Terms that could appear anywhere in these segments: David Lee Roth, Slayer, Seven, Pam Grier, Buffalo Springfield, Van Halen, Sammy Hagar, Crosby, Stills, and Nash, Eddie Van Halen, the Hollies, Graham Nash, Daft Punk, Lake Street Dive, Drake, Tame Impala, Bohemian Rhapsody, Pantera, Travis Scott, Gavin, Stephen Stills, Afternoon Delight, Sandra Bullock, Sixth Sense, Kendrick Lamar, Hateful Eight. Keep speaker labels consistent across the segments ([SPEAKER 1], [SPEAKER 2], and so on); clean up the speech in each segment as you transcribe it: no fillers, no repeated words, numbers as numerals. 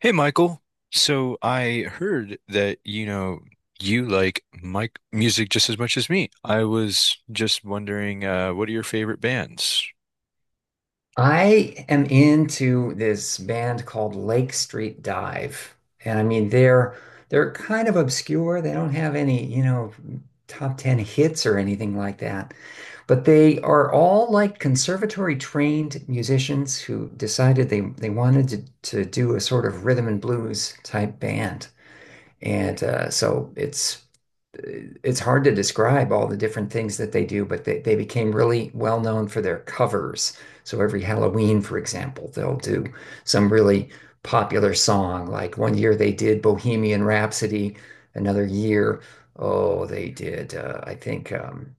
[SPEAKER 1] Hey Michael, so I heard that you know you like Mike music just as much as me. I was just wondering, what are your favorite bands?
[SPEAKER 2] I am into this band called Lake Street Dive. And I mean they're kind of obscure. They don't have any, you know, top 10 hits or anything like that. But they are all like conservatory trained musicians who decided they wanted to do a sort of rhythm and blues type band. And so it's hard to describe all the different things that they do, but they became really well known for their covers. So every Halloween, for example, they'll do some really popular song. Like one year they did Bohemian Rhapsody, another year, oh, they did, I think,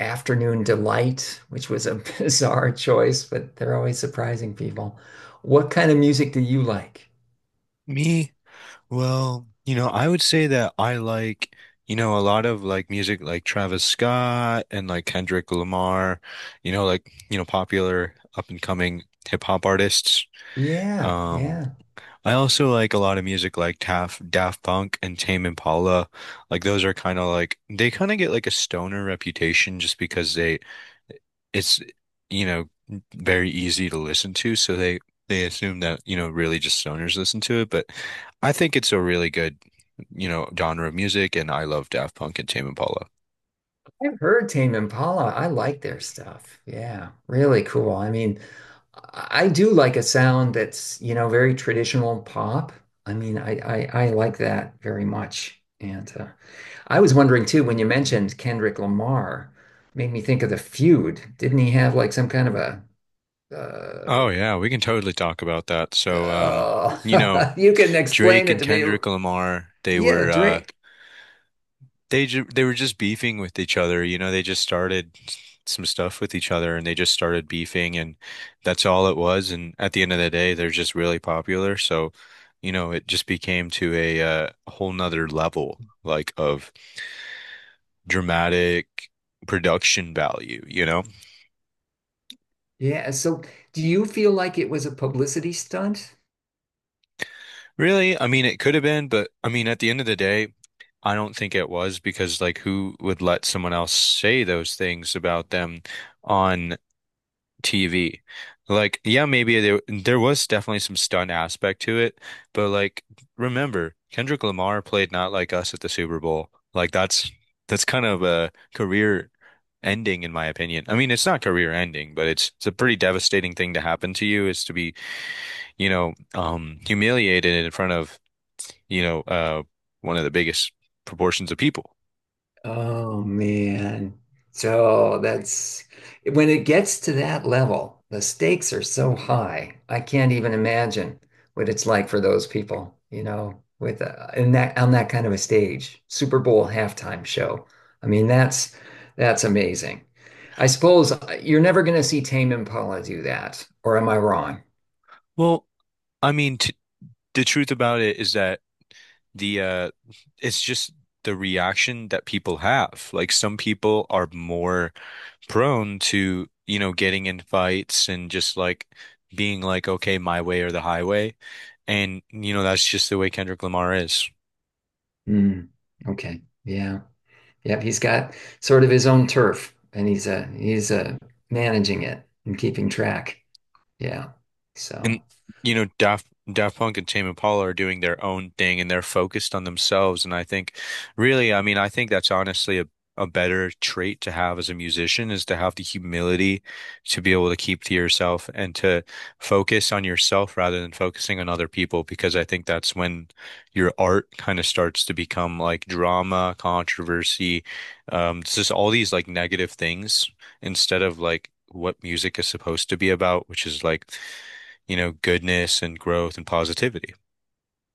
[SPEAKER 2] Afternoon Delight, which was a bizarre choice, but they're always surprising people. What kind of music do you like?
[SPEAKER 1] Me, Well, I would say that I like, a lot of like music like Travis Scott and like Kendrick Lamar, popular up and coming hip hop artists.
[SPEAKER 2] Yeah,
[SPEAKER 1] Um,
[SPEAKER 2] yeah.
[SPEAKER 1] I also like a lot of music like Daft Punk and Tame Impala. Like those are kind of like they kind of get like a stoner reputation just because they it's you know very easy to listen to so they assume that you know really just stoners listen to it, but I think it's a really good, you know, genre of music, and I love Daft Punk and Tame Impala.
[SPEAKER 2] I've heard Tame Impala. I like their stuff. Yeah, really cool. I mean, I do like a sound that's, you know, very traditional pop. I mean, I like that very much. And I was wondering too, when you mentioned Kendrick Lamar, made me think of the feud. Didn't he have like some kind of a uh,
[SPEAKER 1] Oh yeah, we can totally talk about that. So, you know,
[SPEAKER 2] you can explain
[SPEAKER 1] Drake
[SPEAKER 2] it
[SPEAKER 1] and
[SPEAKER 2] to me.
[SPEAKER 1] Kendrick Lamar,
[SPEAKER 2] Yeah, Drake.
[SPEAKER 1] they were just beefing with each other. You know, they just started some stuff with each other and they just started beefing, and that's all it was. And at the end of the day, they're just really popular. So, you know, it just became to a whole nother level like of dramatic production value, you know?
[SPEAKER 2] Yeah. So do you feel like it was a publicity stunt?
[SPEAKER 1] Really? I mean, it could have been, but I mean, at the end of the day, I don't think it was because, like, who would let someone else say those things about them on TV? Like, yeah, maybe there was definitely some stunt aspect to it, but like, remember, Kendrick Lamar played Not Like Us at the Super Bowl. Like, that's kind of a career ending, in my opinion. I mean, it's not career ending, but it's a pretty devastating thing to happen to you, is to be, humiliated in front of, you know, one of the biggest proportions of people.
[SPEAKER 2] Oh man. So that's when it gets to that level, the stakes are so high. I can't even imagine what it's like for those people, you know, with in that kind of a stage, Super Bowl halftime show. I mean, that's amazing. I suppose you're never going to see Tame Impala do that, or am I wrong?
[SPEAKER 1] Well, I mean, t the truth about it is that the it's just the reaction that people have. Like some people are more prone to, you know, getting in fights and just like being like, okay, my way or the highway. And, you know, that's just the way Kendrick Lamar is.
[SPEAKER 2] Hmm. Okay. Yeah. Yep, he's got sort of his own turf, and he's managing it and keeping track. Yeah.
[SPEAKER 1] And
[SPEAKER 2] So,
[SPEAKER 1] you know, Daft Punk and Tame Impala are doing their own thing and they're focused on themselves. And I think really, I mean, I think that's honestly a better trait to have as a musician is to have the humility to be able to keep to yourself and to focus on yourself rather than focusing on other people, because I think that's when your art kind of starts to become like drama, controversy, it's just all these like negative things instead of like what music is supposed to be about, which is like, you know, goodness and growth and positivity.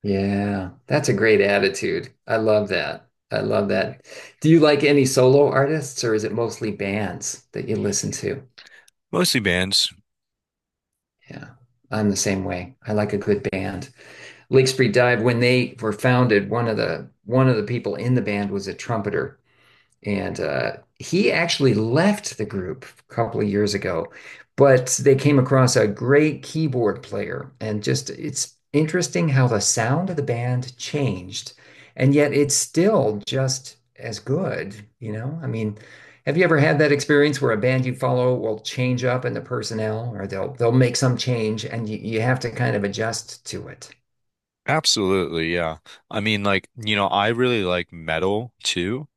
[SPEAKER 2] yeah, that's a great attitude. I love that. I love that. Do you like any solo artists, or is it mostly bands that you listen to?
[SPEAKER 1] Mostly bands.
[SPEAKER 2] Yeah, I'm the same way. I like a good band. Lake Street Dive, when they were founded, one of the people in the band was a trumpeter. And he actually left the group a couple of years ago, but they came across a great keyboard player. And just it's interesting how the sound of the band changed, and yet it's still just as good, you know? I mean, have you ever had that experience where a band you follow will change up in the personnel, or they'll make some change, and you have to kind of adjust to it?
[SPEAKER 1] Absolutely, yeah. I mean, like, you know, I really like metal too.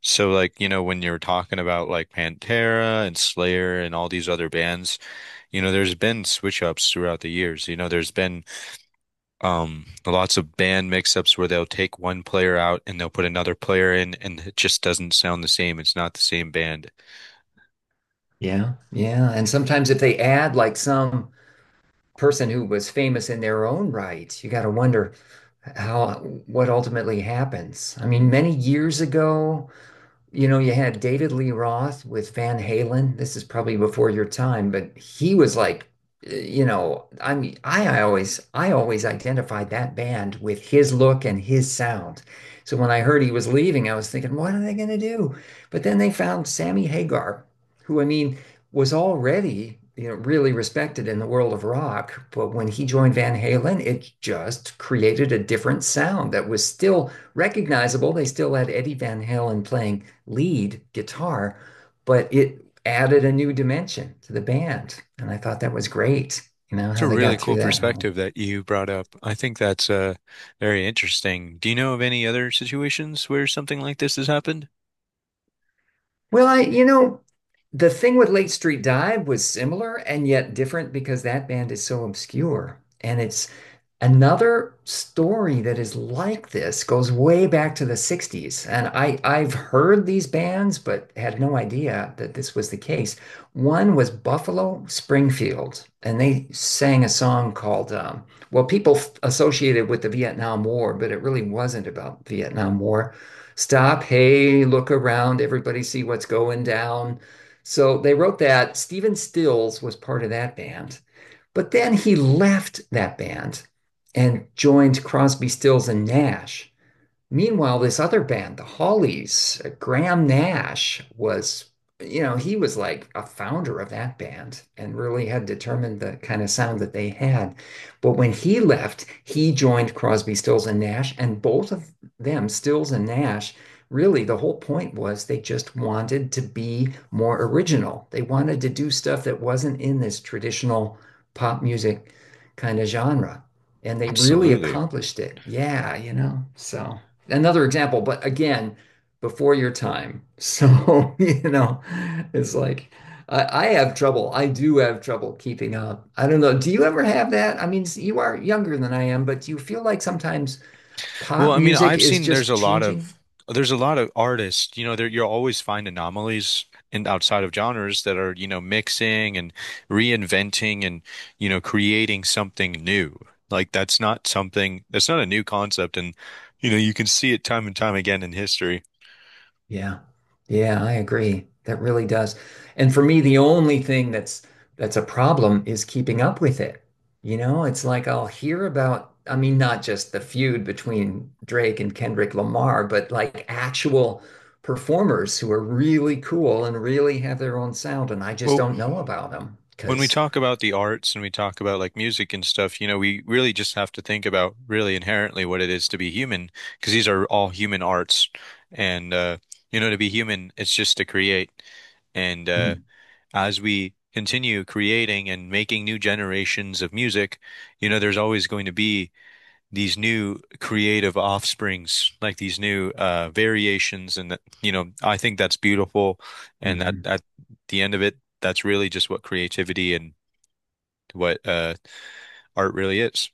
[SPEAKER 1] So, like, you know, when you're talking about like Pantera and Slayer and all these other bands, you know, there's been switch ups throughout the years. You know, there's been lots of band mix ups where they'll take one player out and they'll put another player in and it just doesn't sound the same. It's not the same band.
[SPEAKER 2] Yeah, yeah. And sometimes if they add like some person who was famous in their own right, you got to wonder how what ultimately happens. I mean, many years ago, you know, you had David Lee Roth with Van Halen. This is probably before your time, but he was like, you know, I mean, I always identified that band with his look and his sound. So when I heard he was leaving, I was thinking, what are they going to do? But then they found Sammy Hagar, who I mean was already, you know, really respected in the world of rock. But when he joined Van Halen, it just created a different sound that was still recognizable. They still had Eddie Van Halen playing lead guitar, but it added a new dimension to the band. And I thought that was great, you know,
[SPEAKER 1] It's
[SPEAKER 2] how
[SPEAKER 1] a
[SPEAKER 2] they
[SPEAKER 1] really
[SPEAKER 2] got through
[SPEAKER 1] cool
[SPEAKER 2] that whole.
[SPEAKER 1] perspective that you brought up. I think that's very interesting. Do you know of any other situations where something like this has happened?
[SPEAKER 2] Well, you know, the thing with Late Street Dive was similar and yet different because that band is so obscure. And it's another story that is like this, goes way back to the 60s. And I've heard these bands, but had no idea that this was the case. One was Buffalo Springfield, and they sang a song called, well, people associated with the Vietnam War, but it really wasn't about Vietnam War. Stop, hey, look around, everybody see what's going down. So they wrote that. Stephen Stills was part of that band, but then he left that band and joined Crosby, Stills, and Nash. Meanwhile, this other band, the Hollies, Graham Nash was, you know, he was like a founder of that band and really had determined the kind of sound that they had. But when he left, he joined Crosby, Stills, and Nash, and both of them, Stills and Nash, really the whole point was they just wanted to be more original. They wanted to do stuff that wasn't in this traditional pop music kind of genre. And they really
[SPEAKER 1] Absolutely.
[SPEAKER 2] accomplished it. Yeah, you know, so. Another example, but again, before your time. So, you know, it's like I have trouble. I do have trouble keeping up. I don't know. Do you ever have that? I mean, you are younger than I am, but do you feel like sometimes
[SPEAKER 1] Well,
[SPEAKER 2] pop
[SPEAKER 1] I mean,
[SPEAKER 2] music
[SPEAKER 1] I've
[SPEAKER 2] is
[SPEAKER 1] seen
[SPEAKER 2] just changing.
[SPEAKER 1] there's a lot of artists, you know, there you'll always find anomalies in outside of genres that are, you know, mixing and reinventing and, you know, creating something new. Like that's not a new concept. And you know, you can see it time and time again in history.
[SPEAKER 2] Yeah. Yeah, I agree. That really does. And for me, the only thing that's a problem is keeping up with it. You know, it's like I'll hear about, I mean, not just the feud between Drake and Kendrick Lamar, but like actual performers who are really cool and really have their own sound, and I just
[SPEAKER 1] Well,
[SPEAKER 2] don't know about them
[SPEAKER 1] when we
[SPEAKER 2] because,
[SPEAKER 1] talk about the arts and we talk about like music and stuff, you know, we really just have to think about really inherently what it is to be human, because these are all human arts. And, you know, to be human, it's just to create. And as we continue creating and making new generations of music, you know, there's always going to be these new creative offsprings, like these new variations. And that, you know, I think that's beautiful. And that at the end of it, that's really just what creativity and what art really is.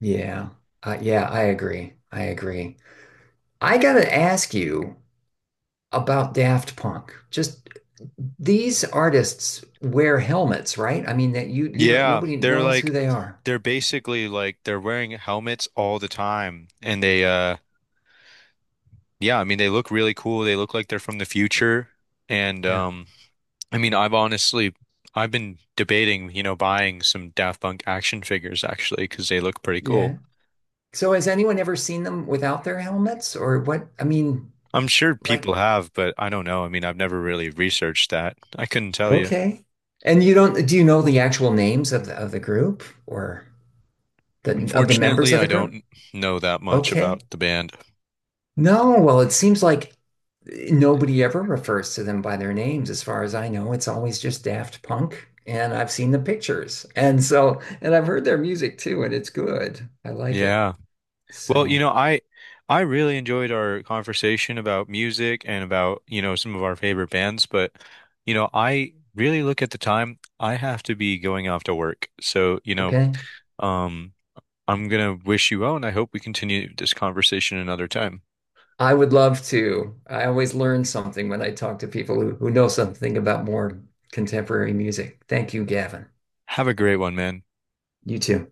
[SPEAKER 2] yeah, yeah, I agree. I agree. I gotta ask you, about Daft Punk. Just these artists wear helmets, right? I mean that you don't
[SPEAKER 1] Yeah,
[SPEAKER 2] nobody
[SPEAKER 1] they're
[SPEAKER 2] knows who
[SPEAKER 1] like
[SPEAKER 2] they are.
[SPEAKER 1] they're basically like they're wearing helmets all the time and they yeah, I mean they look really cool. They look like they're from the future and
[SPEAKER 2] Yeah.
[SPEAKER 1] I mean, I've been debating, you know, buying some Daft Punk action figures actually because they look pretty cool.
[SPEAKER 2] Yeah. So has anyone ever seen them without their helmets or what? I mean,
[SPEAKER 1] I'm sure people
[SPEAKER 2] like
[SPEAKER 1] have, but I don't know. I mean, I've never really researched that. I couldn't tell you.
[SPEAKER 2] okay. And you don't do you know the actual names of the group or the members
[SPEAKER 1] Unfortunately,
[SPEAKER 2] of the
[SPEAKER 1] I
[SPEAKER 2] group?
[SPEAKER 1] don't know that much
[SPEAKER 2] Okay.
[SPEAKER 1] about the band.
[SPEAKER 2] No, well, it seems like nobody ever refers to them by their names, as far as I know. It's always just Daft Punk, and I've seen the pictures. And so, and I've heard their music too, and it's good. I like it.
[SPEAKER 1] Yeah. Well, you
[SPEAKER 2] So,
[SPEAKER 1] know, I really enjoyed our conversation about music and about, you know, some of our favorite bands, but you know, I really look at the time. I have to be going off to work. So, you know,
[SPEAKER 2] okay.
[SPEAKER 1] um I'm gonna wish you well, and I hope we continue this conversation another time.
[SPEAKER 2] I would love to. I always learn something when I talk to people who know something about more contemporary music. Thank you, Gavin.
[SPEAKER 1] Have a great one, man.
[SPEAKER 2] You too.